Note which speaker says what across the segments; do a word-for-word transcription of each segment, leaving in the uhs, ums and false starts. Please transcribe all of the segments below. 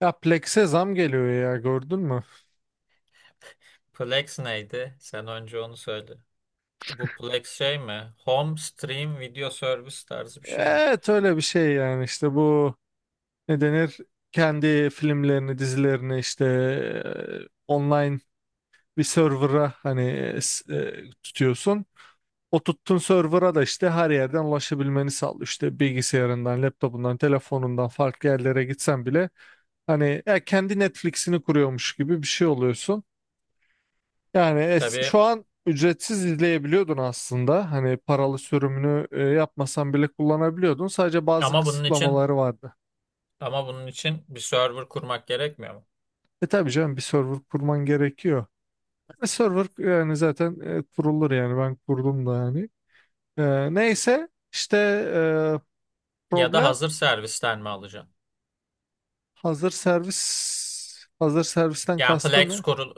Speaker 1: Ya Plex'e zam geliyor ya gördün mü?
Speaker 2: Plex neydi? Sen önce onu söyle. Bu Plex şey mi? Home Stream Video Service tarzı bir şey mi?
Speaker 1: Evet öyle bir şey yani işte bu ne denir? Kendi filmlerini, dizilerini işte e, online bir server'a hani e, s- e, tutuyorsun. O tuttuğun server'a da işte her yerden ulaşabilmeni sağlıyor. İşte bilgisayarından, laptopundan, telefonundan farklı yerlere gitsen bile hani ya kendi Netflix'ini kuruyormuş gibi bir şey oluyorsun. Yani es-
Speaker 2: Tabii
Speaker 1: şu an ücretsiz izleyebiliyordun aslında. Hani paralı sürümünü e, yapmasan bile kullanabiliyordun. Sadece bazı
Speaker 2: ama bunun için
Speaker 1: kısıtlamaları vardı.
Speaker 2: ama bunun için bir server kurmak gerekmiyor mu?
Speaker 1: E tabii canım bir server kurman gerekiyor. E, server yani zaten e, kurulur yani ben kurdum da yani. E, neyse işte e,
Speaker 2: Ya da
Speaker 1: problem.
Speaker 2: hazır servisten mi alacaksın?
Speaker 1: Hazır servis hazır servisten
Speaker 2: Yani
Speaker 1: kastın
Speaker 2: Plex
Speaker 1: ne?
Speaker 2: kurul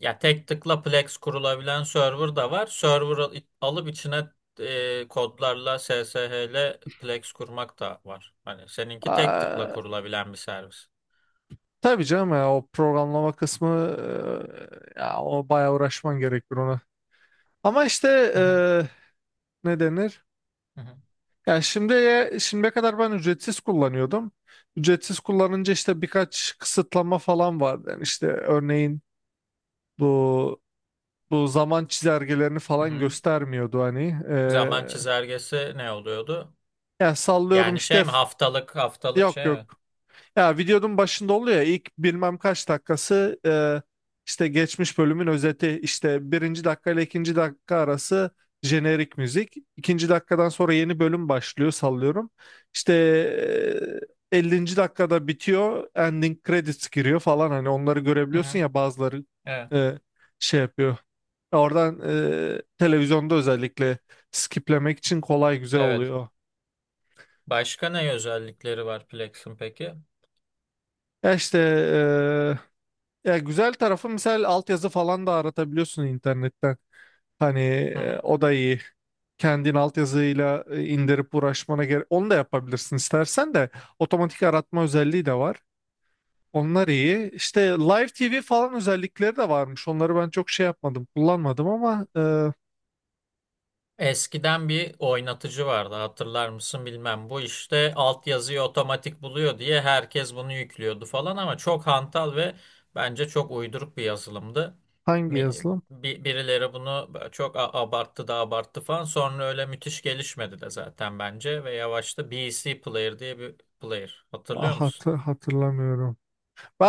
Speaker 2: Ya tek tıkla Plex kurulabilen server da var. Server al- alıp içine e, kodlarla S S H ile Plex kurmak da var. Hani seninki tek tıkla
Speaker 1: Aa,
Speaker 2: kurulabilen bir servis.
Speaker 1: tabii canım ya o programlama kısmı, e, ya o bayağı uğraşman gerekir ona. Ama işte
Speaker 2: Hı
Speaker 1: e,
Speaker 2: hı.
Speaker 1: ne denir?
Speaker 2: hı hı,
Speaker 1: Ya şimdiye, şimdiye kadar ben ücretsiz kullanıyordum. Ücretsiz kullanınca işte birkaç kısıtlama falan vardı. Yani işte örneğin bu bu zaman çizelgelerini
Speaker 2: hı
Speaker 1: falan
Speaker 2: hı.
Speaker 1: göstermiyordu hani.
Speaker 2: Zaman
Speaker 1: Ee,
Speaker 2: çizelgesi ne oluyordu?
Speaker 1: yani sallıyorum
Speaker 2: Yani
Speaker 1: işte
Speaker 2: şey mi,
Speaker 1: f-
Speaker 2: haftalık haftalık
Speaker 1: yok,
Speaker 2: şey mi?
Speaker 1: yok. Ya videonun başında oluyor ya ilk bilmem kaç dakikası, e, işte geçmiş bölümün özeti, işte birinci dakika ile ikinci dakika arası jenerik müzik. İkinci dakikadan sonra yeni bölüm başlıyor sallıyorum. İşte e, ellinci dakikada bitiyor, ending credits giriyor falan, hani onları
Speaker 2: Hı
Speaker 1: görebiliyorsun
Speaker 2: hı.
Speaker 1: ya bazıları
Speaker 2: Evet.
Speaker 1: e, şey yapıyor. Oradan e, televizyonda özellikle skiplemek için kolay, güzel
Speaker 2: Evet.
Speaker 1: oluyor.
Speaker 2: Başka ne özellikleri var Plex'in peki?
Speaker 1: Ya işte e, Ya güzel tarafı misal altyazı falan da aratabiliyorsun internetten. Hani
Speaker 2: Hı
Speaker 1: e,
Speaker 2: hı.
Speaker 1: o da iyi. Kendin altyazıyla e, indirip uğraşmana gerek. Onu da yapabilirsin istersen de. Otomatik aratma özelliği de var. Onlar iyi. İşte Live T V falan özellikleri de varmış. Onları ben çok şey yapmadım, kullanmadım ama e,
Speaker 2: Eskiden bir oynatıcı vardı, hatırlar mısın bilmem. Bu işte altyazıyı otomatik buluyor diye herkes bunu yüklüyordu falan, ama çok hantal ve bence çok uyduruk bir yazılımdı.
Speaker 1: hangi
Speaker 2: Mi-
Speaker 1: yazılım?
Speaker 2: bi- Birileri bunu çok a- abarttı da abarttı falan. Sonra öyle müthiş gelişmedi de zaten bence ve yavaşta B C Player diye bir player.
Speaker 1: Ah,
Speaker 2: Hatırlıyor musun?
Speaker 1: hatı- hatırlamıyorum.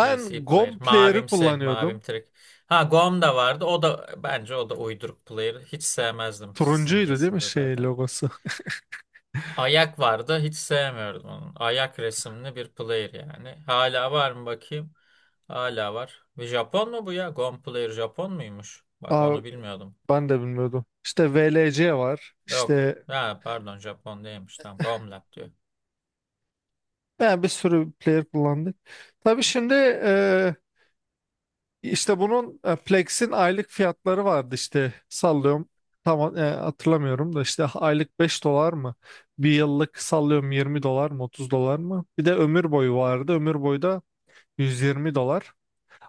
Speaker 2: P C player.
Speaker 1: GOM Player'ı
Speaker 2: Mavimsi. Mavim
Speaker 1: kullanıyordum.
Speaker 2: trik. Ha, Gom da vardı. O da bence o da uyduruk player. Hiç sevmezdim
Speaker 1: Turuncuydu değil mi
Speaker 2: simgesinde
Speaker 1: şey
Speaker 2: zaten.
Speaker 1: logosu?
Speaker 2: Ayak vardı. Hiç sevmiyordum onun. Ayak resimli bir player yani. Hala var mı bakayım? Hala var. Bir Japon mu bu ya? Gom player Japon muymuş? Bak,
Speaker 1: Aa,
Speaker 2: onu bilmiyordum.
Speaker 1: ben de bilmiyordum. İşte V L C var.
Speaker 2: Yok,
Speaker 1: İşte,
Speaker 2: ha pardon, Japon değilmiş. Tamam. Gomlab diyor.
Speaker 1: yani bir sürü player kullandık. Tabii şimdi e, işte bunun, e, Plex'in aylık fiyatları vardı işte sallıyorum. Tam e, hatırlamıyorum da işte aylık beş dolar mı? Bir yıllık sallıyorum yirmi dolar mı otuz dolar mı? Bir de ömür boyu vardı. Ömür boyu da yüz yirmi dolar.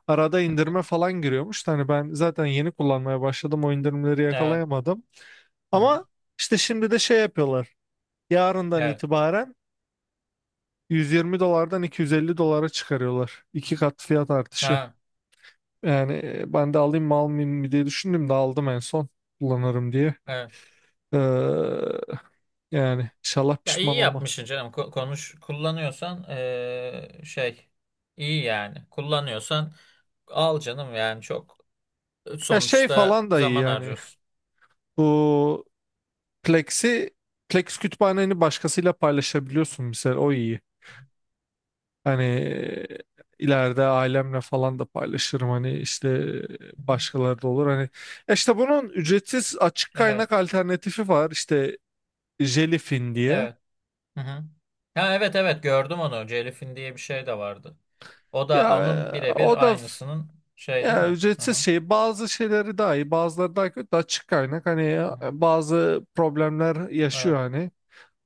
Speaker 1: Arada indirme falan giriyormuş. Hani ben zaten yeni kullanmaya başladım. O indirimleri
Speaker 2: Evet.
Speaker 1: yakalayamadım.
Speaker 2: Hı hı.
Speaker 1: Ama işte şimdi de şey yapıyorlar. Yarından
Speaker 2: Evet.
Speaker 1: itibaren yüz yirmi dolardan iki yüz elli dolara çıkarıyorlar. İki kat fiyat artışı.
Speaker 2: Ha,
Speaker 1: Yani e, ben de alayım mı almayayım mı diye düşündüm de aldım, en son kullanırım diye.
Speaker 2: evet.
Speaker 1: Ee, Yani inşallah
Speaker 2: Ya
Speaker 1: pişman
Speaker 2: iyi
Speaker 1: olma.
Speaker 2: yapmışsın canım. Ko- Konuş kullanıyorsan eee, şey, iyi yani. Kullanıyorsan al canım, yani çok e,
Speaker 1: Ya şey
Speaker 2: sonuçta
Speaker 1: falan da iyi
Speaker 2: zaman
Speaker 1: yani.
Speaker 2: harcıyorsun.
Speaker 1: Bu Plex'i Plex kütüphaneni başkasıyla paylaşabiliyorsun mesela, o iyi. Hani e, ileride ailemle falan da paylaşırım, hani işte
Speaker 2: Hı hı.
Speaker 1: e, başkaları da olur hani. Ya işte bunun ücretsiz açık
Speaker 2: Evet,
Speaker 1: kaynak alternatifi var işte. Jellyfin diye.
Speaker 2: evet. Hı hı. Ha evet, evet, gördüm onu. Celif'in diye bir şey de vardı. O da
Speaker 1: Ya,
Speaker 2: onun
Speaker 1: e, o
Speaker 2: birebir
Speaker 1: da f-
Speaker 2: aynısının şey değil
Speaker 1: ya
Speaker 2: mi? Hı
Speaker 1: ücretsiz
Speaker 2: hı.
Speaker 1: şey, bazı şeyleri daha iyi bazıları daha kötü açık kaynak, hani
Speaker 2: Hı hı.
Speaker 1: e, bazı problemler yaşıyor
Speaker 2: Evet.
Speaker 1: hani.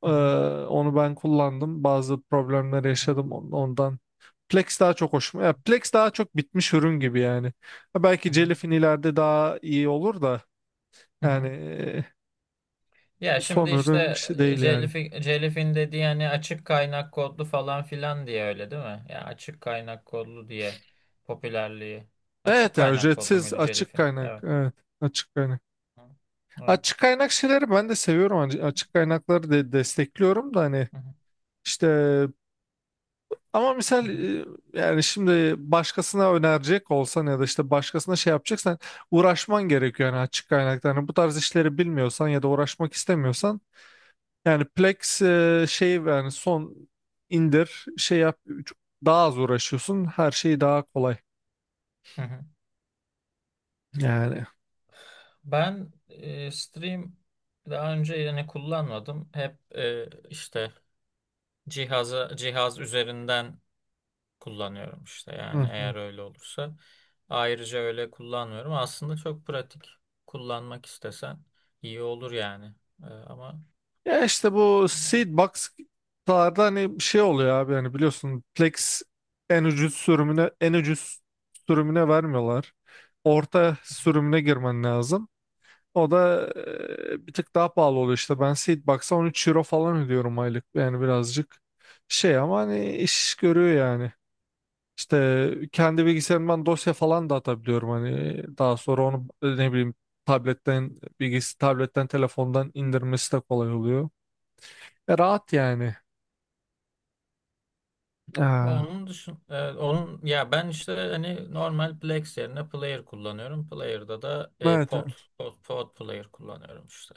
Speaker 1: Ee,
Speaker 2: Hı hı.
Speaker 1: Onu ben kullandım, bazı problemler
Speaker 2: Hı hı.
Speaker 1: yaşadım on- ondan. Plex daha çok hoşuma ya Plex daha çok bitmiş ürün gibi yani. Ha,
Speaker 2: Hı
Speaker 1: belki
Speaker 2: hı.
Speaker 1: Jellyfin ileride daha iyi olur da,
Speaker 2: Hı hı.
Speaker 1: yani e,
Speaker 2: Ya şimdi
Speaker 1: son
Speaker 2: işte
Speaker 1: ürün işte
Speaker 2: e,
Speaker 1: değil yani.
Speaker 2: Jellyfi- Jellyfin dediği hani açık kaynak kodlu falan filan diye, öyle değil mi? Ya açık kaynak kodlu diye popülerliği. Açık
Speaker 1: Evet, ya
Speaker 2: kaynak kodlu
Speaker 1: ücretsiz
Speaker 2: muydu
Speaker 1: açık
Speaker 2: Jellyfin?
Speaker 1: kaynak,
Speaker 2: Evet.
Speaker 1: evet, açık kaynak.
Speaker 2: Hı. Evet.
Speaker 1: Açık kaynak şeyleri ben de seviyorum. Hani açık kaynakları de destekliyorum da, hani
Speaker 2: Hı hı.
Speaker 1: işte, ama
Speaker 2: Hı
Speaker 1: misal,
Speaker 2: hı.
Speaker 1: e, yani şimdi başkasına önerecek olsan ya da işte başkasına şey yapacaksan uğraşman gerekiyor yani açık kaynakta. Hani bu tarz işleri bilmiyorsan ya da uğraşmak istemiyorsan, yani Plex e, şey yani, son indir şey yap, daha az uğraşıyorsun, her şey daha kolay
Speaker 2: Hı hı.
Speaker 1: yani.
Speaker 2: Ben e, stream daha önce yani kullanmadım. Hep e, işte cihaza cihaz üzerinden kullanıyorum işte,
Speaker 1: Hı.
Speaker 2: yani eğer öyle olursa. Ayrıca öyle kullanmıyorum. Aslında çok pratik. Kullanmak istesen iyi olur yani. Ee, ama
Speaker 1: Ya işte bu
Speaker 2: e,
Speaker 1: seed box'larda hani bir şey oluyor abi, hani biliyorsun, Plex en ucuz sürümüne en ucuz sürümüne vermiyorlar. Orta sürümüne girmen lazım. O da e, bir tık daha pahalı oluyor işte. Ben seed box'a on üç euro falan ödüyorum aylık. Yani birazcık şey, ama hani iş görüyor yani. İşte kendi bilgisayarımdan dosya falan da atabiliyorum, hani daha sonra onu, e, ne bileyim, tabletten bilgisi tabletten telefondan indirmesi de kolay oluyor. E, Rahat yani. Aa,
Speaker 2: Onun dışın e, onun, ya ben işte hani normal Plex yerine Player kullanıyorum. Player'da da e,
Speaker 1: evet.
Speaker 2: Pod,
Speaker 1: Evet.
Speaker 2: Pod, Pod Player kullanıyorum işte.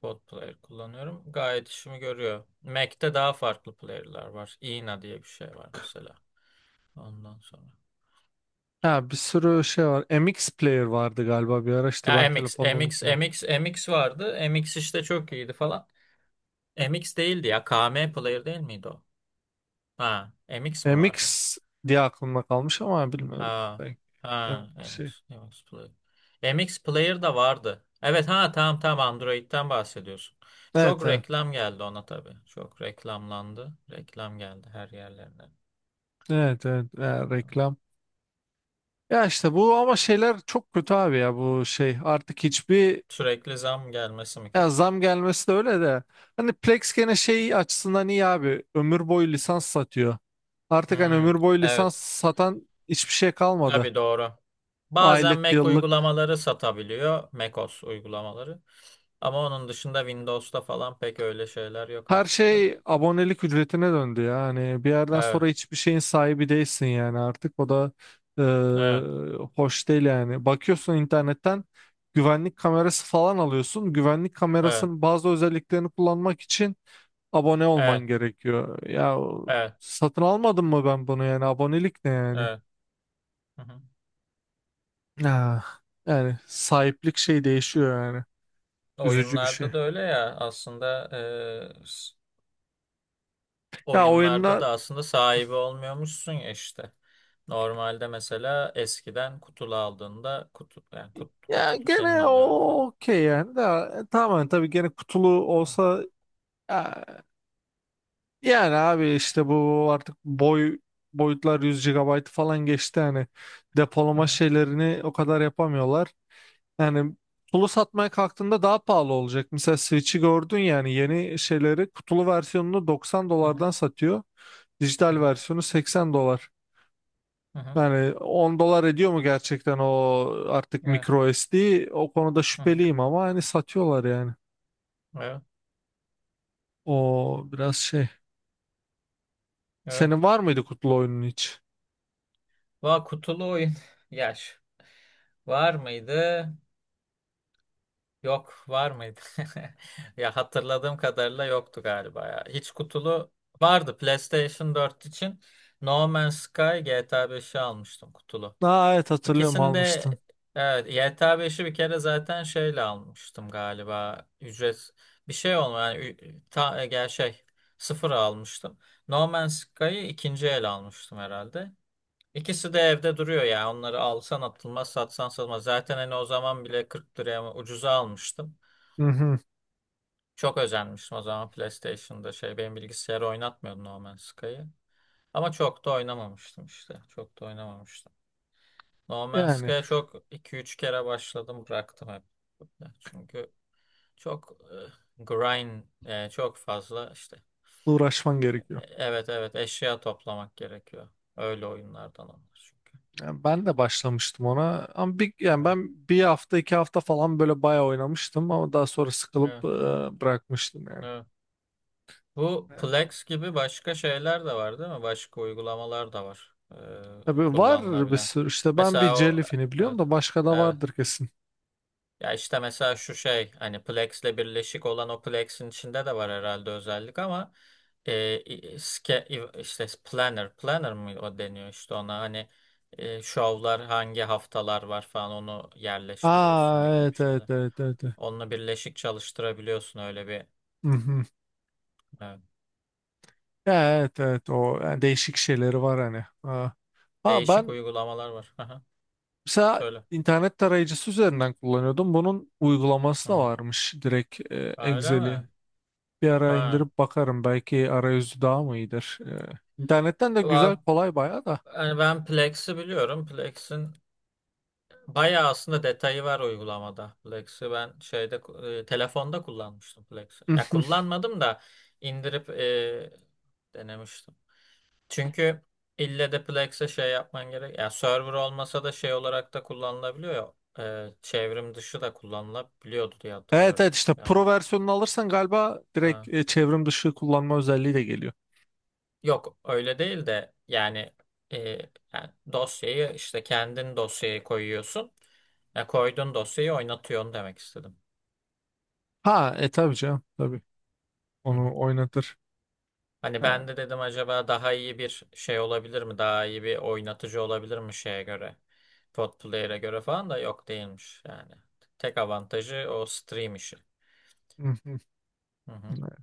Speaker 2: Pod Player kullanıyorum. Gayet işimi görüyor. Mac'te daha farklı player'lar var. Ina diye bir şey var mesela. Ondan sonra.
Speaker 1: Ha, bir sürü şey var. M X Player vardı galiba bir ara,
Speaker 2: Ya
Speaker 1: işte ben
Speaker 2: MX,
Speaker 1: telefonda onu
Speaker 2: MX,
Speaker 1: kullanıyorum.
Speaker 2: MX, MX vardı. MX işte çok iyiydi falan. M X değildi ya. K M Player değil miydi o? Ha, MX mi vardı?
Speaker 1: M X diye aklımda kalmış ama bilmiyorum.
Speaker 2: Ha,
Speaker 1: Ben- Yani
Speaker 2: ha,
Speaker 1: şey.
Speaker 2: MX, MX Player. M X Player da vardı. Evet, ha tamam tamam, Android'den bahsediyorsun.
Speaker 1: Evet,
Speaker 2: Çok
Speaker 1: evet.
Speaker 2: reklam geldi ona tabii. Çok reklamlandı. Reklam geldi her yerlerine.
Speaker 1: Evet, evet. Ya, reklam. Ya işte bu ama şeyler çok kötü abi, ya bu şey. Artık hiçbir
Speaker 2: Sürekli zam gelmesi mi
Speaker 1: Ya,
Speaker 2: kötü?
Speaker 1: zam gelmesi de öyle de. Hani Plex gene şey açısından iyi abi. Ömür boyu lisans satıyor. Artık hani
Speaker 2: Hmm,
Speaker 1: ömür boyu lisans
Speaker 2: evet.
Speaker 1: satan hiçbir şey kalmadı.
Speaker 2: Tabii, doğru. Bazen
Speaker 1: Aylık,
Speaker 2: Mac
Speaker 1: yıllık.
Speaker 2: uygulamaları satabiliyor. macOS uygulamaları. Ama onun dışında Windows'ta falan pek öyle şeyler yok
Speaker 1: Her
Speaker 2: artık tabii.
Speaker 1: şey abonelik ücretine döndü ya. Hani bir yerden sonra
Speaker 2: Evet,
Speaker 1: hiçbir şeyin sahibi değilsin yani artık. O da e,
Speaker 2: evet,
Speaker 1: hoş değil yani. Bakıyorsun internetten güvenlik kamerası falan alıyorsun. Güvenlik
Speaker 2: evet,
Speaker 1: kamerasının bazı özelliklerini kullanmak için abone olman
Speaker 2: evet,
Speaker 1: gerekiyor. Ya
Speaker 2: evet,
Speaker 1: satın almadım mı ben bunu yani? Abonelik ne yani?
Speaker 2: evet. Hı hı.
Speaker 1: Ah, yani sahiplik şey değişiyor yani. Üzücü bir şey.
Speaker 2: Oyunlarda da öyle ya, aslında e, s-
Speaker 1: Ya
Speaker 2: oyunlarda
Speaker 1: oyunlar,
Speaker 2: da aslında sahibi olmuyormuşsun ya işte. Normalde mesela eskiden kutulu aldığında, kutu yani kut,
Speaker 1: ya
Speaker 2: kutulu senin
Speaker 1: gene
Speaker 2: oluyordu
Speaker 1: o
Speaker 2: falan.
Speaker 1: okey yani de, e, tamamen tabii gene kutulu
Speaker 2: Hı
Speaker 1: olsa ya- yani abi işte bu artık boy boyutlar yüz gigabayt falan geçti yani, depolama
Speaker 2: hı,
Speaker 1: şeylerini o kadar yapamıyorlar. Yani kutulu satmaya kalktığında daha pahalı olacak. Mesela Switch'i gördün, yani yeni şeyleri kutulu versiyonunu doksan
Speaker 2: hı hı,
Speaker 1: dolardan satıyor.
Speaker 2: hı
Speaker 1: Dijital
Speaker 2: hı,
Speaker 1: versiyonu seksen dolar.
Speaker 2: hı hı,
Speaker 1: Yani on dolar ediyor mu gerçekten o artık
Speaker 2: evet,
Speaker 1: micro S D? O konuda
Speaker 2: hı hı,
Speaker 1: şüpheliyim ama hani satıyorlar yani.
Speaker 2: evet.
Speaker 1: O biraz şey.
Speaker 2: Evet.
Speaker 1: Senin var mıydı kutulu oyunun hiç?
Speaker 2: Va kutulu oyun. yaş var mıydı? Yok, var mıydı? Ya hatırladığım kadarıyla yoktu galiba ya. Hiç kutulu vardı PlayStation dört için. No Man's Sky, G T A beşi almıştım kutulu.
Speaker 1: Aa, evet hatırlıyorum,
Speaker 2: İkisinde
Speaker 1: almıştın.
Speaker 2: evet, G T A beşi bir kere zaten şeyle almıştım galiba. Ücret bir şey olmuyor yani, ü- ta, e, gel şey sıfır almıştım. No Man's Sky'ı ikinci el almıştım herhalde. İkisi de evde duruyor ya. Onları alsan atılmaz, satsan satılmaz. Zaten hani o zaman bile kırk liraya mı ucuza almıştım.
Speaker 1: Hı hı.
Speaker 2: Çok özenmiştim o zaman, PlayStation'da şey, benim bilgisayarı oynatmıyordu No Man's Sky'ı. Ama çok da oynamamıştım işte. Çok da oynamamıştım. No Man's
Speaker 1: Yani
Speaker 2: Sky'a çok iki üç kere başladım bıraktım hep. Çünkü çok e, grind e, çok fazla işte.
Speaker 1: uğraşman
Speaker 2: E,
Speaker 1: gerekiyor.
Speaker 2: Evet evet eşya toplamak gerekiyor. Öyle oyunlardan onlar çünkü.
Speaker 1: Yani ben de başlamıştım ona ama bir, yani
Speaker 2: Evet
Speaker 1: ben bir hafta iki hafta falan böyle bayağı oynamıştım ama daha sonra sıkılıp e,
Speaker 2: evet,
Speaker 1: bırakmıştım yani.
Speaker 2: evet. Bu
Speaker 1: Yani
Speaker 2: Plex gibi başka şeyler de var değil mi? Başka uygulamalar da var, e,
Speaker 1: tabii var bir
Speaker 2: kullanılabilen.
Speaker 1: sürü, işte ben bir
Speaker 2: Mesela o,
Speaker 1: Jellyfin'i biliyorum
Speaker 2: evet.
Speaker 1: da başka da
Speaker 2: Evet.
Speaker 1: vardır kesin.
Speaker 2: Ya işte mesela şu şey, hani Plex'le birleşik olan, o Plex'in içinde de var herhalde özellik ama e, i- ske- i- işte planner planner mı o deniyor, işte ona hani e, şovlar hangi haftalar var falan onu yerleştiriyorsun,
Speaker 1: Aa,
Speaker 2: gibi gibi
Speaker 1: evet evet
Speaker 2: şeyler.
Speaker 1: evet evet. Evet.
Speaker 2: Onunla birleşik çalıştırabiliyorsun öyle bir,
Speaker 1: Mhm.
Speaker 2: evet.
Speaker 1: Evet, evet. O yani değişik şeyleri var hani. Ha. Ha,
Speaker 2: Değişik
Speaker 1: ben
Speaker 2: uygulamalar var. Aha,
Speaker 1: mesela
Speaker 2: söyle.
Speaker 1: internet tarayıcısı üzerinden kullanıyordum. Bunun uygulaması da
Speaker 2: Hı.
Speaker 1: varmış direkt, e,
Speaker 2: Öyle
Speaker 1: Excel'i.
Speaker 2: mi?
Speaker 1: Bir ara
Speaker 2: Ha.
Speaker 1: indirip bakarım, belki arayüzü daha mı iyidir. E, internetten de güzel,
Speaker 2: Va-
Speaker 1: kolay bayağı da.
Speaker 2: Yani ben Plex'i biliyorum. Plex'in bayağı aslında detayı var uygulamada. Plex'i ben şeyde, e, telefonda kullanmıştım Plex'i. Ya
Speaker 1: Mhm.
Speaker 2: kullanmadım da indirip e, denemiştim. Çünkü ille de Plex'e şey yapman gerek. Ya server olmasa da şey olarak da kullanılabiliyor ya. E, çevrim dışı da kullanılabiliyordu diye
Speaker 1: Evet
Speaker 2: hatırlıyorum.
Speaker 1: evet, işte pro
Speaker 2: Yanlış.
Speaker 1: versiyonunu alırsan galiba direkt, e, çevrim dışı kullanma özelliği de geliyor.
Speaker 2: Yok öyle değil de yani, e, yani dosyayı işte kendin dosyaya koyuyorsun. Ya koyduğun dosyayı oynatıyorsun demek istedim.
Speaker 1: Ha, e tabii canım tabii.
Speaker 2: Hı hı.
Speaker 1: Onu oynatır.
Speaker 2: Hani
Speaker 1: Ha,
Speaker 2: ben de dedim, acaba daha iyi bir şey olabilir mi? Daha iyi bir oynatıcı olabilir mi şeye göre? Pod player'e göre falan da yok değilmiş yani. Tek avantajı o stream işi.
Speaker 1: hı
Speaker 2: Hı hı.
Speaker 1: hı.